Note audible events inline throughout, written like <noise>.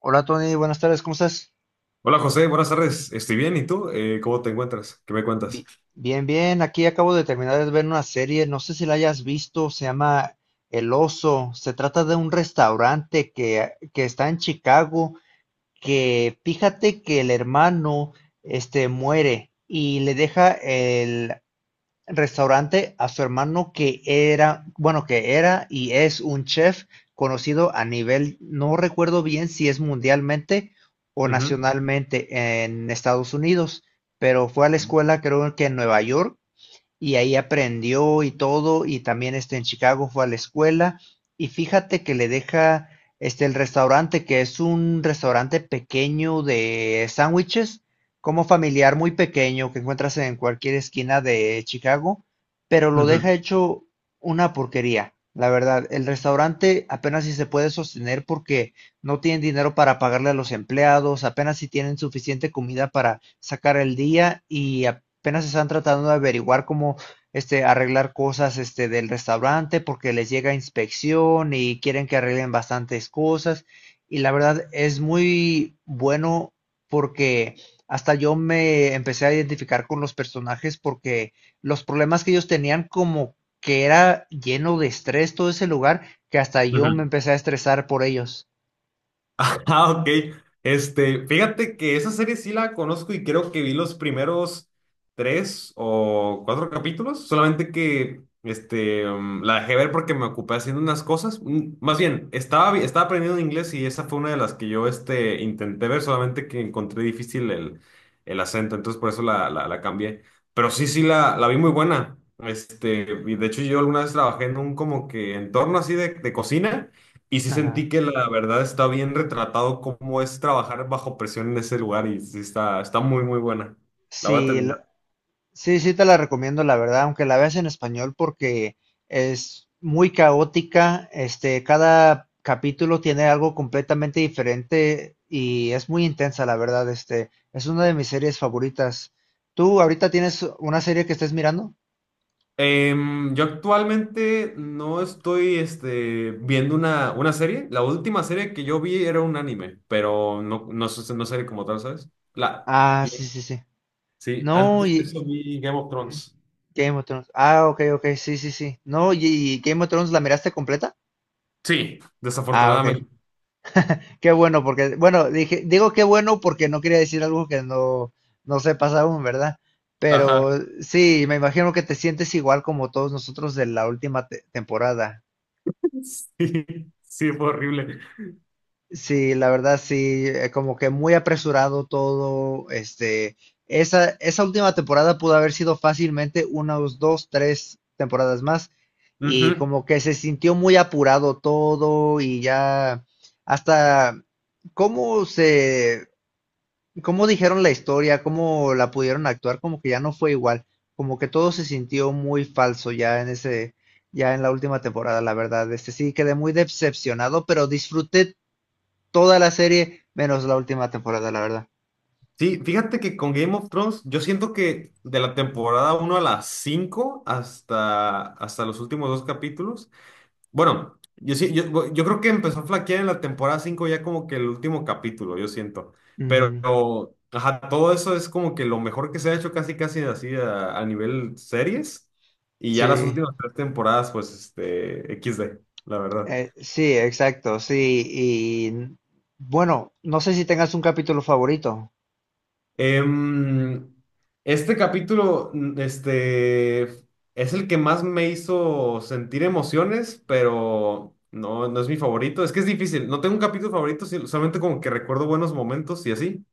Hola Tony, buenas tardes, ¿cómo estás? Hola José, buenas tardes. Estoy bien, ¿y tú? ¿Cómo te encuentras? ¿Qué me cuentas? Bi- Bien, bien, aquí acabo de terminar de ver una serie, no sé si la hayas visto, se llama El Oso. Se trata de un restaurante que está en Chicago, que fíjate que el hermano este muere y le deja el restaurante a su hermano que era, bueno, que era y es un chef conocido a nivel, no recuerdo bien si es mundialmente o Ujú, nacionalmente en Estados Unidos, pero fue a la escuela creo que en Nueva York y ahí aprendió y todo, y también este, en Chicago fue a la escuela, y fíjate que le deja este, el restaurante, que es un restaurante pequeño de sándwiches, como familiar muy pequeño que encuentras en cualquier esquina de Chicago, pero lo ujú, deja hecho una porquería. La verdad, el restaurante apenas si se puede sostener porque no tienen dinero para pagarle a los empleados, apenas si tienen suficiente comida para sacar el día y apenas están tratando de averiguar cómo este, arreglar cosas este, del restaurante, porque les llega inspección y quieren que arreglen bastantes cosas. Y la verdad es muy bueno porque hasta yo me empecé a identificar con los personajes, porque los problemas que ellos tenían, como que era lleno de estrés todo ese lugar, que hasta ujú. yo me empecé a estresar por ellos. <laughs> Ah, ok. Este, fíjate que esa serie sí la conozco y creo que vi los primeros tres o cuatro capítulos, solamente que este, la dejé ver porque me ocupé haciendo unas cosas. Más bien, estaba aprendiendo inglés y esa fue una de las que yo este, intenté ver, solamente que encontré difícil el acento, entonces por eso la cambié. Pero sí, sí, la vi muy buena. Este, y de hecho yo alguna vez trabajé en un como que entorno así de cocina. Y sí sentí Ajá. que la verdad está bien retratado cómo es trabajar bajo presión en ese lugar y sí está muy, muy buena. La voy a Sí, terminar. Sí, sí te la recomiendo, la verdad, aunque la veas en español, porque es muy caótica. Este, cada capítulo tiene algo completamente diferente y es muy intensa, la verdad. Este, es una de mis series favoritas. ¿Tú ahorita tienes una serie que estés mirando? Yo actualmente no estoy este, viendo una serie. La última serie que yo vi era un anime, pero no, no, no serie como tal, ¿sabes? La, Ah, sí, y- sí, sí. sí, No, antes de eso y vi Game of ujú, Thrones. Game of Thrones. Ah, ok, ok, sí, sí, sí. No, y Game of Thrones, ¿la miraste completa? Sí, Ah, ok. desafortunadamente. Qué bueno, porque, bueno, dije, digo qué bueno porque no quería decir algo que no, no sepas aún, ¿verdad? Pero Ajá. sí, me imagino que te sientes igual como todos nosotros de la última temporada. <laughs> Sí, sí, fue horrible. Sí, la verdad, sí, como que muy apresurado todo, este, esa última temporada pudo haber sido fácilmente unas dos, tres temporadas más, y Ujú. como que se sintió muy apurado todo, y ya hasta cómo se cómo dijeron la historia, cómo la pudieron actuar, como que ya no fue igual, como que todo se sintió muy falso ya en ese, ya en la última temporada, la verdad. Este sí quedé muy decepcionado, pero disfruté toda la serie menos la última temporada, la verdad. Sí, fíjate que con Game of Thrones, yo siento que de la temporada uno a las 5 hasta los últimos dos capítulos, bueno, yo creo que empezó a flaquear en la temporada 5 ya como que el último capítulo, yo siento. Pero, Ujú. ajá, todo eso es como que lo mejor que se ha hecho casi casi así a nivel series. Y ya las Sí, últimas tres temporadas, pues, este, equis de la verdad. Sí, exacto, sí. Y bueno, no sé si tengas un capítulo favorito. Em, este capítulo, este, es el que más me hizo sentir emociones, pero no, no es mi favorito. Es que es difícil. No tengo un capítulo favorito, solamente como que recuerdo buenos momentos y así.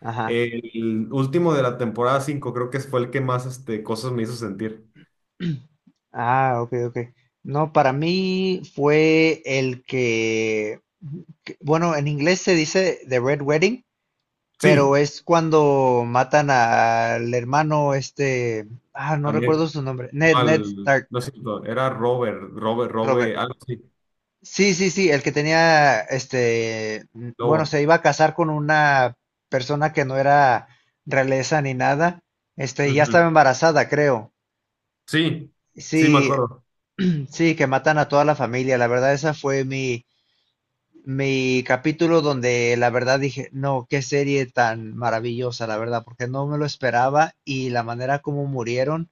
Ajá. El último de la temporada 5, creo que fue el que más este, cosas me hizo sentir. Ah, ok, ok. No, para mí fue el que, bueno, en inglés se dice The Red Wedding, pero Sí, es cuando matan al hermano este, ah, no a mí, recuerdo su nombre, no, Ned, Ned al, Stark, no es cierto, era Robert, Robert, Robert. Robert, algo así, Sí, sí, sí, el que tenía este, mm, bueno, Lobo. se iba a casar con una persona que no era realeza ni nada, este, y ya estaba Ujú. embarazada, creo. Sí, sí me Sí, acuerdo. sí, que matan a toda la familia. La verdad, esa fue mi mi capítulo donde la verdad dije, no, qué serie tan maravillosa, la verdad, porque no me lo esperaba, y la manera como murieron,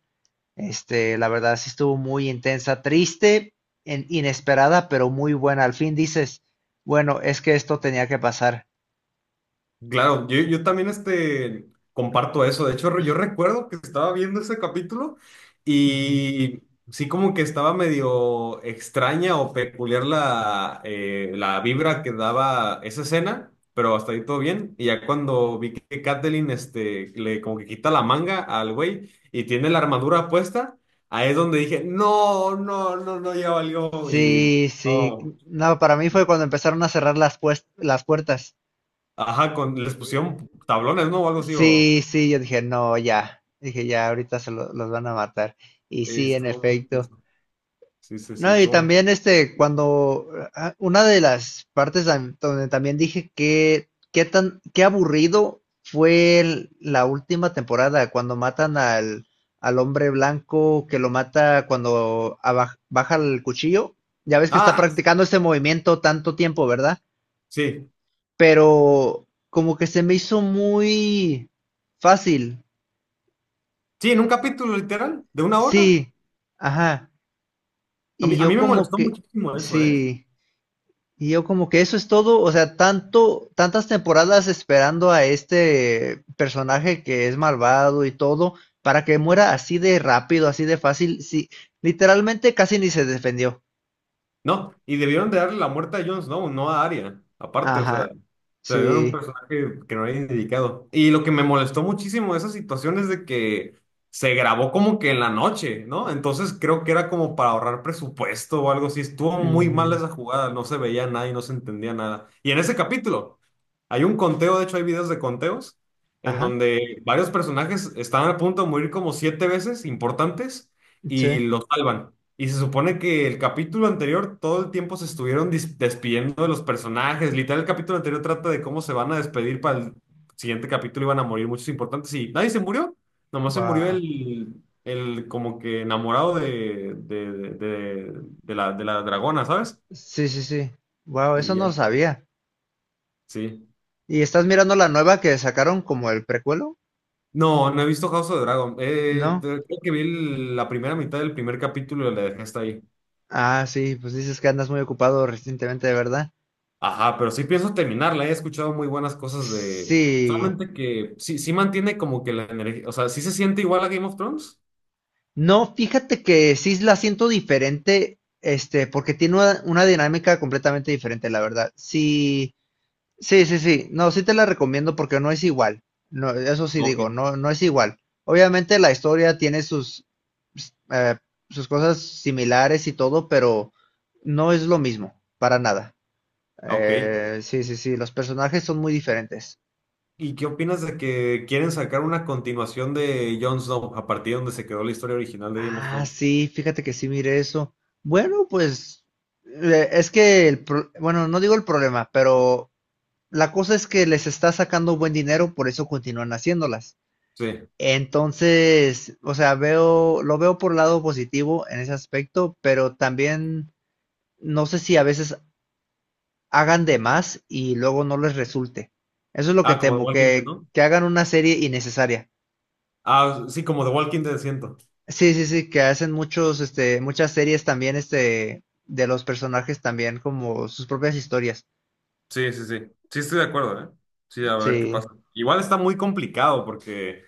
este, la verdad sí estuvo muy intensa, triste, inesperada, pero muy buena. Al fin dices, bueno, es que esto tenía que pasar. Claro, yo también este, comparto eso. De hecho, yo recuerdo que estaba viendo ese capítulo Ujú. y sí como que estaba medio extraña o peculiar la vibra que daba esa escena, pero hasta ahí todo bien. Y ya cuando vi que Kathleen este, le como que quita la manga al güey y tiene la armadura puesta, ahí es donde dije, no, no, no, no, ya valió. Y Sí, sí. no, No, para mí fue cuando empezaron a cerrar las, las puertas. ajá, con, les pusieron tablones, ¿no? O algo así. O Sí, sí, yo dije, no, ya. Dije, ya, ahorita los van a matar. Y sí, en estuvo muy efecto. intenso. Sí, sí, sí, No, y estuvo muy. también este, cuando ah, una de las partes donde también dije que qué tan qué aburrido fue la última temporada, cuando matan al al hombre blanco, que lo mata cuando baja el cuchillo. Ya ves que está Ah, practicando este movimiento tanto tiempo, ¿verdad? sí. Pero como que se me hizo muy fácil. Sí, en un capítulo literal de una hora. Sí. Ajá. A Y mí, a yo mí me como molestó que muchísimo eso, ¿eh? sí. Y yo como que eso es todo, o sea, tanto, tantas temporadas esperando a este personaje que es malvado y todo, para que muera así de rápido, así de fácil, sí, literalmente casi ni se defendió. No, y debieron de darle la muerte a Jon Snow, no a Arya. Aparte, o sea, Ajá, se dieron un sí, personaje que no había dedicado. Y lo que me molestó muchísimo de esa situación es de que se grabó como que en la noche, ¿no? Entonces creo que era como para ahorrar presupuesto o algo así. Estuvo muy mal ujú, esa jugada, no se veía nada y no se entendía nada. Y en ese capítulo hay un conteo, de hecho hay videos de conteos, en ajá, donde varios personajes estaban a punto de morir como siete veces importantes sí, y los salvan. Y se supone que el capítulo anterior todo el tiempo se estuvieron despidiendo de los personajes. Literal, el capítulo anterior trata de cómo se van a despedir para el siguiente capítulo. Iban a morir muchos importantes. Y nadie se murió. Nomás se murió wow. El como que enamorado de la dragona, ¿sabes? Sí, sí, sí, wow, eso Y no ya, lo sabía. sí. ¿Y estás mirando la nueva que sacaron como el precuelo? No, no he visto House of the Dragon. No. Creo que vi la primera mitad del primer capítulo y la dejé hasta ahí. Ah, sí, pues dices que andas muy ocupado recientemente, de verdad. Ajá, pero sí pienso terminarla, he escuchado muy buenas cosas de. Sí. Solamente que sí, sí mantiene como que la energía, o sea, ¿sí se siente igual a Game of Thrones? No, fíjate que sí la siento diferente, este, porque tiene una dinámica completamente diferente, la verdad. Sí, sí, sí, sí. No, sí te la recomiendo porque no es igual. No, eso sí Ok. digo, no, no es igual. Obviamente la historia tiene sus, eh, sus cosas similares y todo, pero no es lo mismo, para nada. Ok. Sí, sí, sí, los personajes son muy diferentes. ¿Y qué opinas de que quieren sacar una continuación de Jon Snow a partir de donde se quedó la historia original de Game of Ah, Thrones? sí, fíjate que sí mire eso. Bueno, pues es que, bueno, no digo el problema, pero la cosa es que les está sacando buen dinero, por eso continúan haciéndolas. Sí. Entonces, o sea, veo, lo veo por lado positivo en ese aspecto, pero también no sé si a veces hagan de más y luego no les resulte. Eso es lo que Ah, como The temo, Walking Dead, ¿no? que hagan una serie innecesaria. Ah, sí, como The Walking Dead siento. Sí, sí, sí, que hacen muchos, este, muchas series también, este, de los personajes también, como sus propias historias. Sí, sí, sí. Sí estoy de acuerdo, ¿eh? Sí, a ver qué Sí, pasa. Igual está muy complicado porque.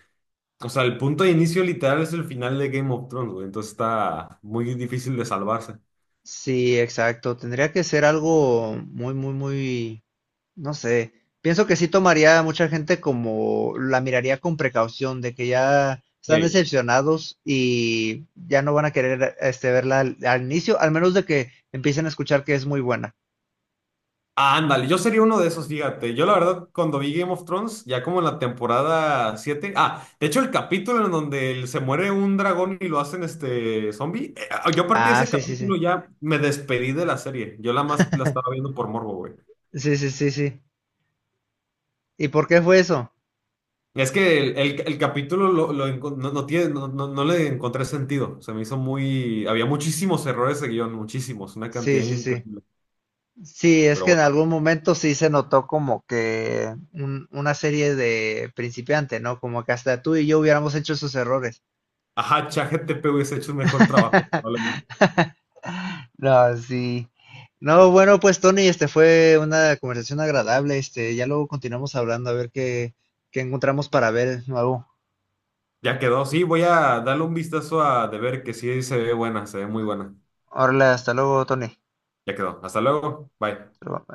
O sea, el punto de inicio literal es el final de Game of Thrones, güey. Entonces está muy difícil de salvarse. sí, exacto. Tendría que ser algo muy, muy, muy, no sé. Pienso que sí tomaría a mucha gente, como la miraría con precaución, de que ya están Ey. decepcionados y ya no van a querer este, verla al, al inicio, al menos de que empiecen a escuchar que es muy buena. Ah, ándale, yo sería uno de esos, fíjate. Yo la verdad, cuando vi Game of Thrones, ya como en la temporada 7, ah, de hecho el capítulo en donde se muere un dragón y lo hacen este zombie, ah, yo a partir de Ah, ese sí, sí, sí. capítulo ya me despedí de la serie. Yo la más la estaba viendo por morbo, güey. Sí, sí, sí, sí. ¿Y por qué fue eso? Es que el capítulo no, no tiene, no, no le encontré sentido. Se me hizo muy. Había muchísimos errores de guión, muchísimos, una Sí, cantidad sí, sí. increíble. Sí, es Pero que en bueno, algún momento sí se notó como que una serie de principiante, ¿no? Como que hasta tú y yo hubiéramos hecho esos errores. ajá, ChatGPT hubiese hecho un mejor trabajo, <laughs> probablemente. No, sí. No, bueno, pues Tony, este fue una conversación agradable. Este, ya luego continuamos hablando a ver qué, qué encontramos para ver nuevo. Ya quedó. Sí, voy a darle un vistazo a de ver que sí se ve buena, se ve muy buena. Ahora hasta luego, Tony. Ya quedó. Hasta luego. Bye. Hasta luego.